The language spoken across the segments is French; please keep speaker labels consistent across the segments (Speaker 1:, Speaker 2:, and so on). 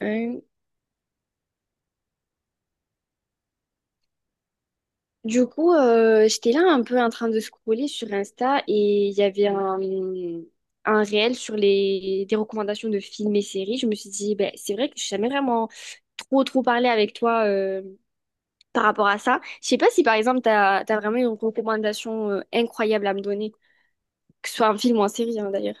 Speaker 1: Euh, du coup, j'étais là un peu en train de scroller sur Insta et il y avait un réel sur des recommandations de films et séries. Je me suis dit, ben, c'est vrai que je n'ai jamais vraiment trop parlé avec toi par rapport à ça. Je sais pas si, par exemple, tu as, vraiment une recommandation incroyable à me donner, que ce soit un film ou en série, hein, d'ailleurs.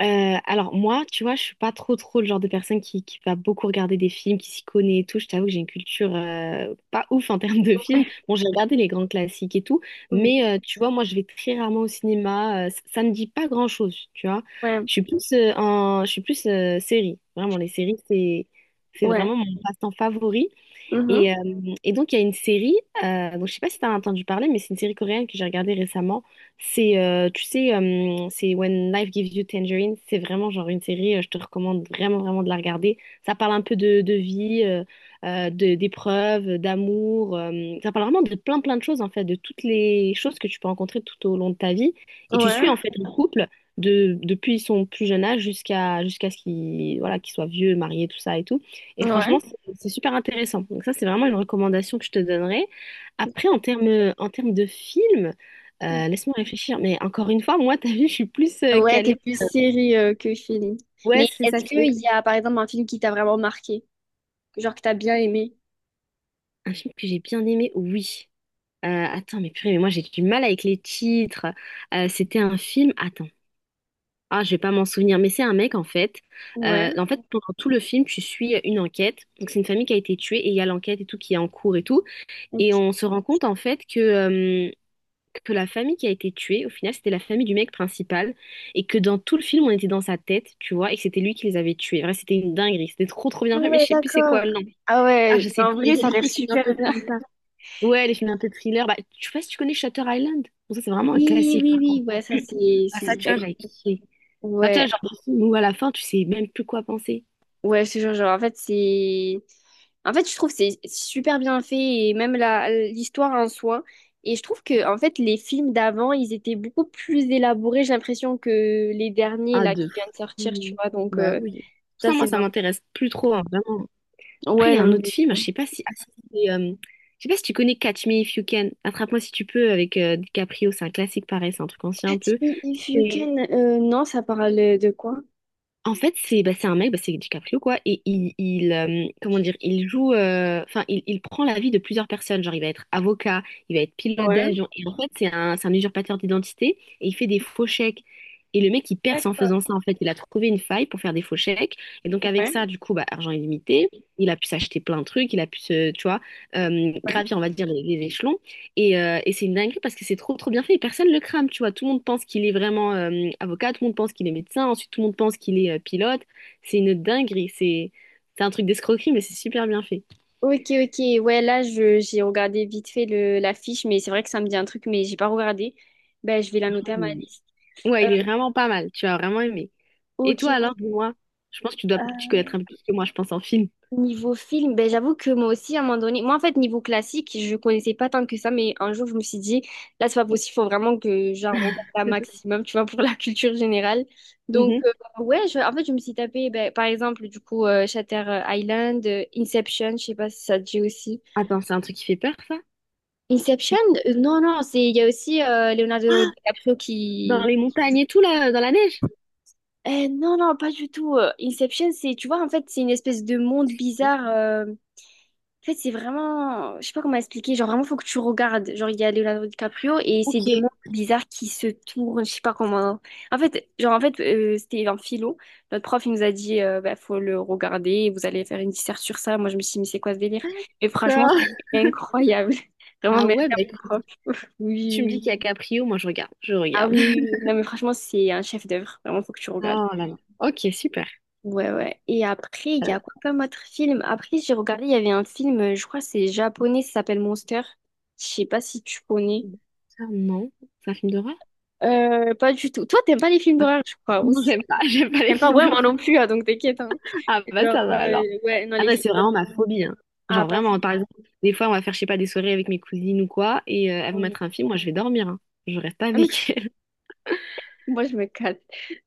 Speaker 2: Alors moi, tu vois, je suis pas trop le genre de personne qui va beaucoup regarder des films, qui s'y connaît et tout. Je t'avoue que j'ai une culture pas ouf en termes de films. Bon, j'ai regardé les grands classiques et tout, mais
Speaker 1: Oui.
Speaker 2: tu vois, moi, je vais très rarement au cinéma. Ça me dit pas grand-chose, tu vois.
Speaker 1: Ouais,
Speaker 2: Je suis plus je suis plus série. Vraiment, les séries, c'est
Speaker 1: ouais.
Speaker 2: vraiment mon passe-temps favori.
Speaker 1: Mhm.
Speaker 2: Et, euh, et donc, il y a une série, je sais pas si tu as entendu parler, mais c'est une série coréenne que j'ai regardée récemment. C'est When Life Gives You Tangerine. C'est vraiment genre une série, je te recommande vraiment, vraiment de la regarder. Ça parle un peu de vie, d'épreuves, d'amour. Ça parle vraiment de plein, plein de choses, en fait, de toutes les choses que tu peux rencontrer tout au long de ta vie. Et tu suis,
Speaker 1: Ouais,
Speaker 2: en fait, un couple depuis son plus jeune âge jusqu'à ce qu'il voilà, qu'il soit vieux, marié, tout ça et tout. Et franchement,
Speaker 1: ouais.
Speaker 2: c'est super intéressant. Donc ça, c'est vraiment une recommandation que je te donnerais. Après, en termes de film, laisse-moi réfléchir. Mais encore une fois, moi, t'as vu, je suis plus
Speaker 1: Ouais, t'es
Speaker 2: calée.
Speaker 1: plus série que film. Mais
Speaker 2: Ouais, c'est ça.
Speaker 1: est-ce qu'il
Speaker 2: C'est
Speaker 1: y a, par exemple, un film qui t'a vraiment marqué? Genre que t'as bien aimé.
Speaker 2: un film que j'ai bien aimé, oui. Attends, mais purée, mais moi, j'ai du mal avec les titres. C'était un film... Attends. Ah, je vais pas m'en souvenir, mais c'est un mec en fait.
Speaker 1: Ouais.
Speaker 2: En fait, pendant tout le film, tu suis une enquête. Donc, c'est une famille qui a été tuée et il y a l'enquête et tout qui est en cours et tout. Et
Speaker 1: Ok.
Speaker 2: on se rend compte en fait que la famille qui a été tuée, au final, c'était la famille du mec principal, et que dans tout le film, on était dans sa tête, tu vois, et que c'était lui qui les avait tués. Vrai, c'était une dinguerie, c'était trop bien fait, mais je
Speaker 1: Ouais,
Speaker 2: sais plus c'est
Speaker 1: d'accord.
Speaker 2: quoi le nom.
Speaker 1: Ah
Speaker 2: Ah,
Speaker 1: ouais,
Speaker 2: je sais
Speaker 1: en
Speaker 2: plus, mais
Speaker 1: vrai,
Speaker 2: j'aime
Speaker 1: ça a
Speaker 2: bien
Speaker 1: l'air
Speaker 2: les films un
Speaker 1: super
Speaker 2: peu
Speaker 1: bien.
Speaker 2: comme ça. Ouais, les films un peu thriller. Bah, tu vois, si tu connais Shutter Island. Bon, ça c'est vraiment un
Speaker 1: Oui,
Speaker 2: classique,
Speaker 1: oui,
Speaker 2: par
Speaker 1: oui,
Speaker 2: contre.
Speaker 1: ouais, ça c'est...
Speaker 2: Ah, ça, tu vois, j'avais kiffé. Ça, tu vois,
Speaker 1: Ouais,
Speaker 2: genre, des films où à la fin, tu sais même plus quoi penser.
Speaker 1: ouais, je te jure, genre, en fait, c'est... En fait, je trouve que c'est super bien fait et même la l'histoire en soi. Et je trouve que en fait les films d'avant, ils étaient beaucoup plus élaborés, j'ai l'impression que les derniers
Speaker 2: Ah,
Speaker 1: là
Speaker 2: de
Speaker 1: qui viennent de sortir, tu
Speaker 2: fou.
Speaker 1: vois. Donc
Speaker 2: Bah oui.
Speaker 1: ça
Speaker 2: Ça, moi,
Speaker 1: c'est
Speaker 2: ça
Speaker 1: vrai.
Speaker 2: m'intéresse plus trop, hein, vraiment. Après, il y
Speaker 1: Ouais,
Speaker 2: a
Speaker 1: non
Speaker 2: un autre
Speaker 1: mais
Speaker 2: film, je sais pas si, je sais pas si tu connais Catch Me If You Can, Attrape-moi si tu peux avec DiCaprio, c'est un classique pareil, c'est un truc ancien un
Speaker 1: Catch
Speaker 2: peu.
Speaker 1: Me If You Can. Non, ça parle de quoi?
Speaker 2: En fait, c'est un mec, c'est DiCaprio quoi, il comment dire, il il prend la vie de plusieurs personnes. Genre, il va être avocat, il va être pilote
Speaker 1: Ouais,
Speaker 2: d'avion, et en fait, c'est un usurpateur d'identité, et il fait des faux chèques. Et le mec, il perce en
Speaker 1: d'accord.
Speaker 2: faisant ça, en fait. Il a trouvé une faille pour faire des faux chèques. Et donc, avec
Speaker 1: Ouais.
Speaker 2: ça, du coup, bah, argent illimité, il a pu s'acheter plein de trucs, il a pu tu vois,
Speaker 1: Ouais.
Speaker 2: gravir, on va dire, les échelons. Et c'est une dinguerie parce que c'est trop bien fait et personne le crame, tu vois. Tout le monde pense qu'il est vraiment avocat, tout le monde pense qu'il est médecin, ensuite tout le monde pense qu'il est pilote. C'est une dinguerie, c'est un truc d'escroquerie mais c'est super bien fait.
Speaker 1: Ok, ok. Ouais, là, j'ai regardé vite fait l'affiche, mais c'est vrai que ça me dit un truc, mais j'ai pas regardé. Ben, je vais la
Speaker 2: Franchement,
Speaker 1: noter à ma
Speaker 2: il
Speaker 1: liste.
Speaker 2: est- Ouais,
Speaker 1: Euh,
Speaker 2: il est vraiment pas mal, tu vas vraiment aimer. Et
Speaker 1: ok.
Speaker 2: toi alors, dis-moi, je pense que tu dois tu
Speaker 1: Euh,
Speaker 2: connaître un peu plus que moi, je pense en film.
Speaker 1: Niveau film, ben, j'avoue que moi aussi, à un moment donné, moi, en fait, niveau classique, je connaissais pas tant que ça, mais un jour, je me suis dit, là, c'est pas possible, faut vraiment que j'en regarde un maximum, tu vois, pour la culture générale. Donc,
Speaker 2: Mhm.
Speaker 1: ouais, en fait, je me suis tapé, ben, par exemple, du coup, Shutter Island, Inception, je sais pas si ça te dit aussi.
Speaker 2: Attends, c'est un truc qui fait peur ça?
Speaker 1: Inception? Non, non, c'est il y a aussi Leonardo
Speaker 2: Ah,
Speaker 1: DiCaprio qui...
Speaker 2: dans les montagnes et tout là, dans la neige?
Speaker 1: Non, non, pas du tout. Inception, c'est, tu vois, en fait, c'est une espèce de monde bizarre. En fait, c'est vraiment... Je sais pas comment expliquer. Genre, vraiment, faut que tu regardes. Genre, il y a Leonardo DiCaprio et c'est
Speaker 2: Ok.
Speaker 1: des mondes bizarres qui se tournent. Je sais pas comment... En fait, genre, en fait, c'était un philo. Notre prof, il nous a dit, bah, faut le regarder. Vous allez faire une dissert sur ça. Moi, je me suis dit, mais c'est quoi ce délire? Et franchement,
Speaker 2: D'accord.
Speaker 1: c'est incroyable. Vraiment,
Speaker 2: Ah
Speaker 1: merci
Speaker 2: ouais, bah
Speaker 1: à mon
Speaker 2: écoute,
Speaker 1: prof.
Speaker 2: tu me
Speaker 1: Oui.
Speaker 2: dis
Speaker 1: Oui.
Speaker 2: qu'il y a Caprio, moi je regarde, je
Speaker 1: Ah
Speaker 2: regarde.
Speaker 1: oui, oui, oui. Non mais franchement, c'est un chef-d'œuvre. Vraiment, faut que tu regardes.
Speaker 2: Oh là là. Ok, super.
Speaker 1: Ouais, ouais. Et après, il y
Speaker 2: Euh,
Speaker 1: a quoi comme autre film? Après, j'ai regardé, il y avait un film, je crois que c'est japonais, ça s'appelle Monster. Je sais pas si tu connais.
Speaker 2: ça, non. C'est un film d'horreur?
Speaker 1: Pas du tout. Toi, t'aimes pas les films
Speaker 2: Ah,
Speaker 1: d'horreur, je crois,
Speaker 2: non,
Speaker 1: aussi.
Speaker 2: j'aime pas. J'aime pas les
Speaker 1: T'aimes pas?
Speaker 2: films
Speaker 1: Ouais, moi
Speaker 2: d'horreur.
Speaker 1: non plus, hein, donc t'inquiète. Hein.
Speaker 2: Ah bah
Speaker 1: Genre,
Speaker 2: ça va alors.
Speaker 1: ouais, non,
Speaker 2: Ah
Speaker 1: les
Speaker 2: non, c'est
Speaker 1: films
Speaker 2: vraiment
Speaker 1: d'horreur.
Speaker 2: ma phobie. Hein.
Speaker 1: Ah,
Speaker 2: Genre vraiment,
Speaker 1: pareil.
Speaker 2: par exemple, des fois on va faire, je sais pas, des soirées avec mes cousines ou quoi, et elles vont
Speaker 1: Ouais.
Speaker 2: mettre un film, moi je vais dormir. Hein. Je reste pas
Speaker 1: Ah, mais
Speaker 2: avec elles.
Speaker 1: moi, je me casse.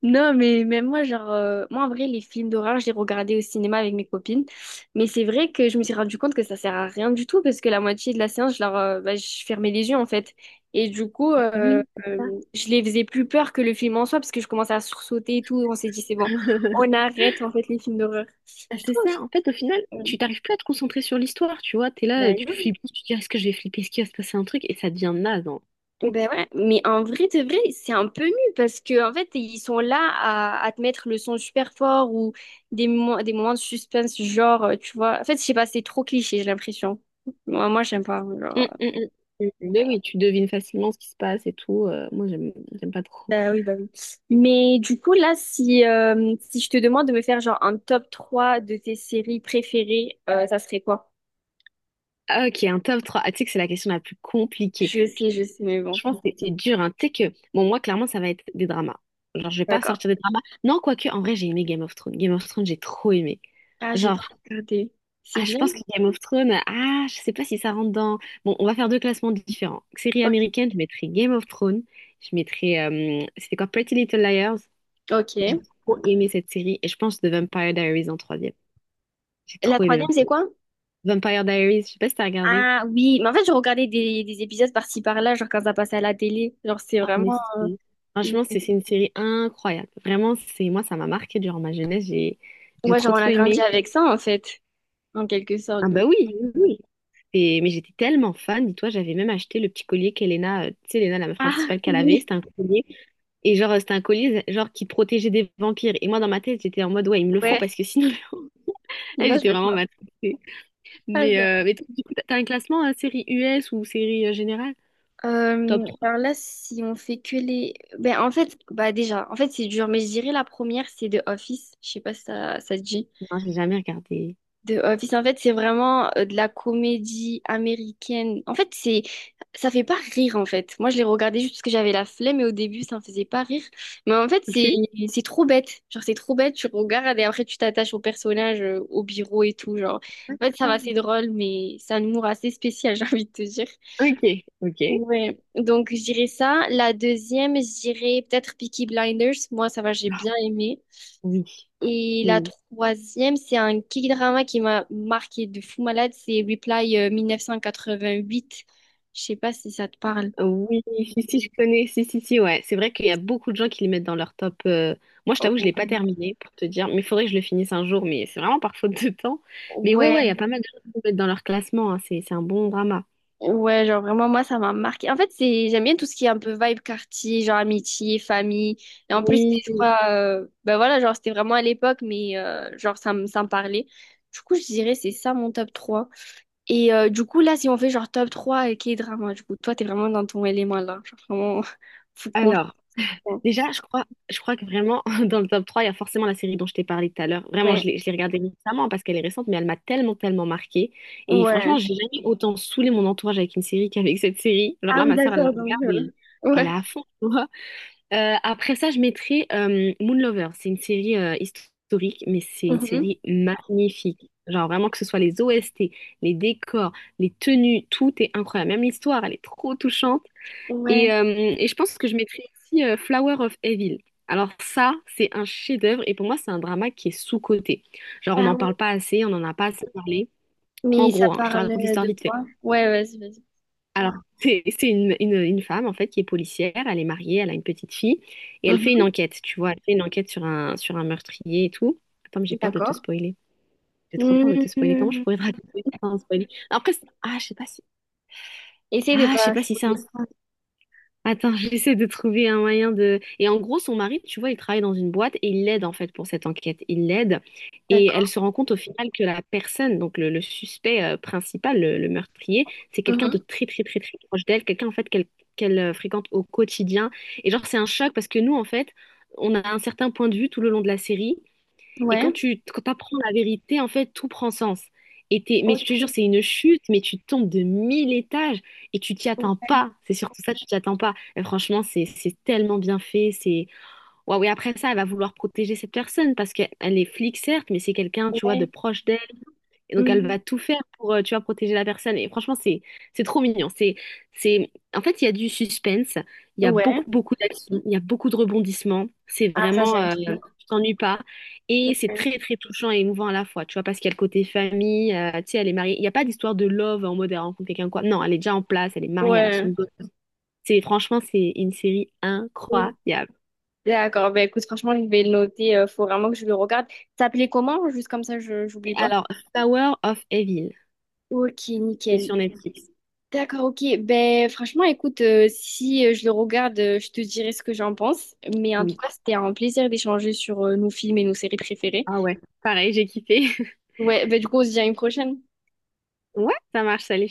Speaker 1: Non, mais même moi, genre, moi, en vrai, les films d'horreur, je les regardais au cinéma avec mes copines. Mais c'est vrai que je me suis rendu compte que ça sert à rien du tout parce que la moitié de la séance, je leur, bah, je fermais les yeux, en fait. Et du coup,
Speaker 2: Oui, c'est ça.
Speaker 1: je les faisais plus peur que le film en soi parce que je commençais à sursauter et tout. On s'est dit, c'est bon, on arrête, en fait, les films d'horreur.
Speaker 2: Ah,
Speaker 1: Je
Speaker 2: c'est
Speaker 1: trouve.
Speaker 2: ça. En fait, au final,
Speaker 1: euh,
Speaker 2: tu t'arrives plus à te concentrer sur l'histoire, tu vois. T'es là,
Speaker 1: bah,
Speaker 2: euh, tu flippes, tu te dis, est-ce que je vais flipper, est-ce qu'il va se passer un truc, et ça devient naze. Hein.
Speaker 1: Ben ouais, mais en vrai, de vrai, c'est un peu nul parce que en fait, ils sont là à te mettre le son super fort ou des moments de suspense, genre, tu vois. En fait, je sais pas, c'est trop cliché, j'ai l'impression. Moi, j'aime pas.
Speaker 2: Hum, hum, hum. Mais oui, tu devines facilement ce qui se passe et tout. Moi, j'aime pas trop.
Speaker 1: Bah oui, bah oui. Mais du coup, là, si, si je te demande de me faire genre un top 3 de tes séries préférées, ça serait quoi?
Speaker 2: Ah, ok, un top 3. Ah, tu sais que c'est la question la plus compliquée. Tu-
Speaker 1: Je sais, mais bon.
Speaker 2: franchement, c'est dur. Hein. Tu sais que, bon, moi, clairement, ça va être des dramas. Genre, je vais pas
Speaker 1: D'accord.
Speaker 2: sortir des dramas. Non, quoique, en vrai, j'ai aimé Game of Thrones. Game of Thrones, j'ai trop aimé.
Speaker 1: Ah, j'ai pas
Speaker 2: Genre,
Speaker 1: regardé. C'est
Speaker 2: ah, je
Speaker 1: bien?
Speaker 2: pense que Game of Thrones, ah, je sais pas si ça rentre dans. Bon, on va faire deux classements différents. Série américaine, je mettrai Game of Thrones. Je mettrai. C'était quoi? Pretty Little Liars.
Speaker 1: Ok.
Speaker 2: J'ai trop aimé cette série. Et je pense The Vampire Diaries en troisième. J'ai
Speaker 1: La
Speaker 2: trop aimé.
Speaker 1: troisième, c'est quoi?
Speaker 2: Vampire Diaries, je sais pas si t'as regardé.
Speaker 1: Ah oui, mais en fait, je regardais des épisodes par-ci par-là, genre quand ça passait à la télé. Genre, c'est
Speaker 2: En
Speaker 1: vraiment.
Speaker 2: effet. Franchement, c'est une série incroyable. Vraiment, ça m'a marqué durant ma jeunesse. J'ai
Speaker 1: Ouais, genre,
Speaker 2: trop
Speaker 1: on a
Speaker 2: trop
Speaker 1: grandi
Speaker 2: aimé.
Speaker 1: avec ça, en fait, en quelque
Speaker 2: Ah
Speaker 1: sorte.
Speaker 2: bah
Speaker 1: Donc.
Speaker 2: oui, oui. oui. oui. Et- mais j'étais tellement fan, dis-toi, j'avais même acheté le petit collier qu'Elena, tu sais, Elena, la meuf
Speaker 1: Ah
Speaker 2: principale qu'elle avait,
Speaker 1: oui,
Speaker 2: c'était un collier. Et genre, c'était un collier genre qui protégeait des vampires. Et moi, dans ma tête, j'étais en mode, ouais, il me le faut
Speaker 1: ouais.
Speaker 2: parce que sinon, eh,
Speaker 1: Sinon, je
Speaker 2: j'étais
Speaker 1: vais te
Speaker 2: vraiment
Speaker 1: marre
Speaker 2: matrixée.
Speaker 1: pas.
Speaker 2: Mais, euh, mais toi, du coup, t'as un classement, série US ou série générale? Top trois
Speaker 1: Alors là, si on fait que les. Ben, en fait, bah déjà, en fait, c'est dur, mais je dirais la première, c'est The Office. Je sais pas si ça, ça te dit.
Speaker 2: non, j'ai jamais regardé.
Speaker 1: The Office, en fait, c'est vraiment de la comédie américaine. En fait, c'est, ça fait pas rire, en fait. Moi, je l'ai regardé juste parce que j'avais la flemme et au début, ça me faisait pas rire. Mais en fait,
Speaker 2: Ok.
Speaker 1: c'est trop bête. Genre, c'est trop bête. Tu regardes et après, tu t'attaches au personnage, au bureau et tout. Genre, en fait, ça va, c'est
Speaker 2: D'accord.
Speaker 1: drôle, mais c'est un humour assez spécial, j'ai envie de te dire.
Speaker 2: Ok, ok.
Speaker 1: Ouais. Donc, je dirais ça. La deuxième, je dirais peut-être Peaky Blinders. Moi, ça va, j'ai
Speaker 2: Ah,
Speaker 1: bien aimé.
Speaker 2: oui.
Speaker 1: Et la
Speaker 2: Mm.
Speaker 1: troisième, c'est un K-drama qui m'a marqué de fou malade, c'est Reply 1988. Je sais pas si ça te parle.
Speaker 2: Oui, si, si, je connais, si, si, si, ouais. C'est vrai qu'il y a beaucoup de gens qui les mettent dans leur top. Moi, je t'avoue, je l'ai pas
Speaker 1: Ouais.
Speaker 2: terminé pour te dire, mais il faudrait que je le finisse un jour, mais c'est vraiment par faute de temps. Mais ouais, ouais, il y a
Speaker 1: Ouais,
Speaker 2: pas mal de gens qui le mettent dans leur classement, hein. C'est un bon drama.
Speaker 1: ouais, genre vraiment, moi, ça m'a marqué. En fait, c'est, j'aime bien tout ce qui est un peu vibe quartier, genre amitié, famille. Et en plus,
Speaker 2: Oui.
Speaker 1: je crois, ben voilà, genre, c'était vraiment à l'époque, mais genre, ça me parlait. Du coup, je dirais, c'est ça mon top 3. Et du coup, là, si on fait genre top 3 et K-drama, du coup, toi, t'es vraiment dans ton élément là. Genre, vraiment, faut qu'on.
Speaker 2: Alors, déjà, je crois que vraiment, dans le top 3 il y a forcément la série dont je t'ai parlé tout à l'heure. Vraiment,
Speaker 1: Ouais,
Speaker 2: je l'ai regardée récemment parce qu'elle est récente, mais elle m'a tellement, tellement marquée. Et franchement,
Speaker 1: ouais.
Speaker 2: j'ai jamais autant saoulé mon entourage avec une série qu'avec cette série. Alors
Speaker 1: Ah
Speaker 2: là,
Speaker 1: oui,
Speaker 2: ma soeur, elle la
Speaker 1: d'accord, donc,
Speaker 2: regarde et elle
Speaker 1: ouais.
Speaker 2: a à fond. Après ça, je mettrai Moonlover. C'est une série historique, mais c'est une
Speaker 1: Mhm.
Speaker 2: série magnifique. Genre vraiment que ce soit les OST, les décors, les tenues, tout est incroyable. Même l'histoire, elle est trop touchante. Et,
Speaker 1: Ouais.
Speaker 2: euh, et je pense que je mettrai aussi Flower of Evil. Alors ça, c'est un chef-d'œuvre et pour moi, c'est un drama qui est sous-coté. Genre on
Speaker 1: Ah
Speaker 2: n'en
Speaker 1: ouais.
Speaker 2: parle pas assez, on n'en a pas assez parlé. En
Speaker 1: Mais ça
Speaker 2: gros, hein, je te
Speaker 1: parle
Speaker 2: raconte l'histoire
Speaker 1: de
Speaker 2: vite fait.
Speaker 1: quoi? Ouais, vas-y, vas-y.
Speaker 2: Alors, c'est une femme, en fait, qui est policière, elle est mariée, elle a une petite fille, et elle fait une
Speaker 1: Mhm.
Speaker 2: enquête, tu vois, elle fait une enquête sur sur un meurtrier et tout. Attends, mais j'ai peur de te
Speaker 1: D'accord.
Speaker 2: spoiler. J'ai trop peur de te spoiler. Comment je
Speaker 1: Mhm.
Speaker 2: pourrais te raconter ça sans spoiler? Après, c'est- ah, je sais pas si...
Speaker 1: Essaye de
Speaker 2: Ah, je sais
Speaker 1: pas
Speaker 2: pas si c'est un
Speaker 1: spoiler.
Speaker 2: spoil. Attends, j'essaie de trouver un moyen de... Et en gros, son mari, tu vois, il travaille dans une boîte et il l'aide en fait pour cette enquête. Il l'aide et elle
Speaker 1: D'accord.
Speaker 2: se rend compte au final que la personne, donc le suspect principal, le meurtrier, c'est quelqu'un de
Speaker 1: Mhm.
Speaker 2: très proche d'elle, quelqu'un en fait qu'elle fréquente au quotidien. Et genre, c'est un choc parce que nous, en fait, on a un certain point de vue tout le long de la série et quand
Speaker 1: Ouais.
Speaker 2: tu quand apprends la vérité, en fait, tout prend sens. Et t'es- mais je
Speaker 1: Ok.
Speaker 2: te jure, c'est une chute, mais tu tombes de mille étages et tu t'y attends pas. C'est surtout ça, tu t'y attends pas. Et franchement, c'est tellement bien fait. C'est waouh. Et après ça, elle va vouloir protéger cette personne parce qu'elle est flic, certes, mais c'est quelqu'un, tu vois, de
Speaker 1: Ouais.
Speaker 2: proche d'elle. Et donc elle
Speaker 1: Mhm.
Speaker 2: va tout faire pour, tu vois, protéger la personne. Et franchement, c'est trop mignon. C'est En fait, il y a du suspense, il y a
Speaker 1: Ouais.
Speaker 2: beaucoup d'action, il y a beaucoup de rebondissements. C'est
Speaker 1: Ah, ça,
Speaker 2: vraiment,
Speaker 1: j'aime trop.
Speaker 2: tu t'ennuies pas. Et c'est
Speaker 1: Ouais.
Speaker 2: très touchant et émouvant à la fois, tu vois, parce qu'il y a le côté famille. Tu sais, elle est mariée. Il n'y a pas d'histoire de love en mode elle rencontre quelqu'un quoi. Non, elle est déjà en place, elle est mariée, elle a son
Speaker 1: Ouais.
Speaker 2: gosse. C'est Franchement, c'est une série
Speaker 1: Mhm.
Speaker 2: incroyable.
Speaker 1: D'accord. Ben, écoute, franchement, je vais le noter. Faut vraiment que je le regarde. T'appelais comment? Juste comme ça, je
Speaker 2: Et
Speaker 1: j'oublie pas.
Speaker 2: alors, Tower of Evil,
Speaker 1: Ok,
Speaker 2: c'est
Speaker 1: nickel.
Speaker 2: sur Netflix.
Speaker 1: D'accord, ok. Ben, franchement, écoute, si je le regarde, je te dirai ce que j'en pense. Mais en tout
Speaker 2: Oui.
Speaker 1: cas, c'était un plaisir d'échanger sur nos films et nos séries préférées.
Speaker 2: Ah ouais, pareil, j'ai kiffé.
Speaker 1: Ouais, ben, du coup, on se dit à une prochaine.
Speaker 2: Ouais, ça marche, salut.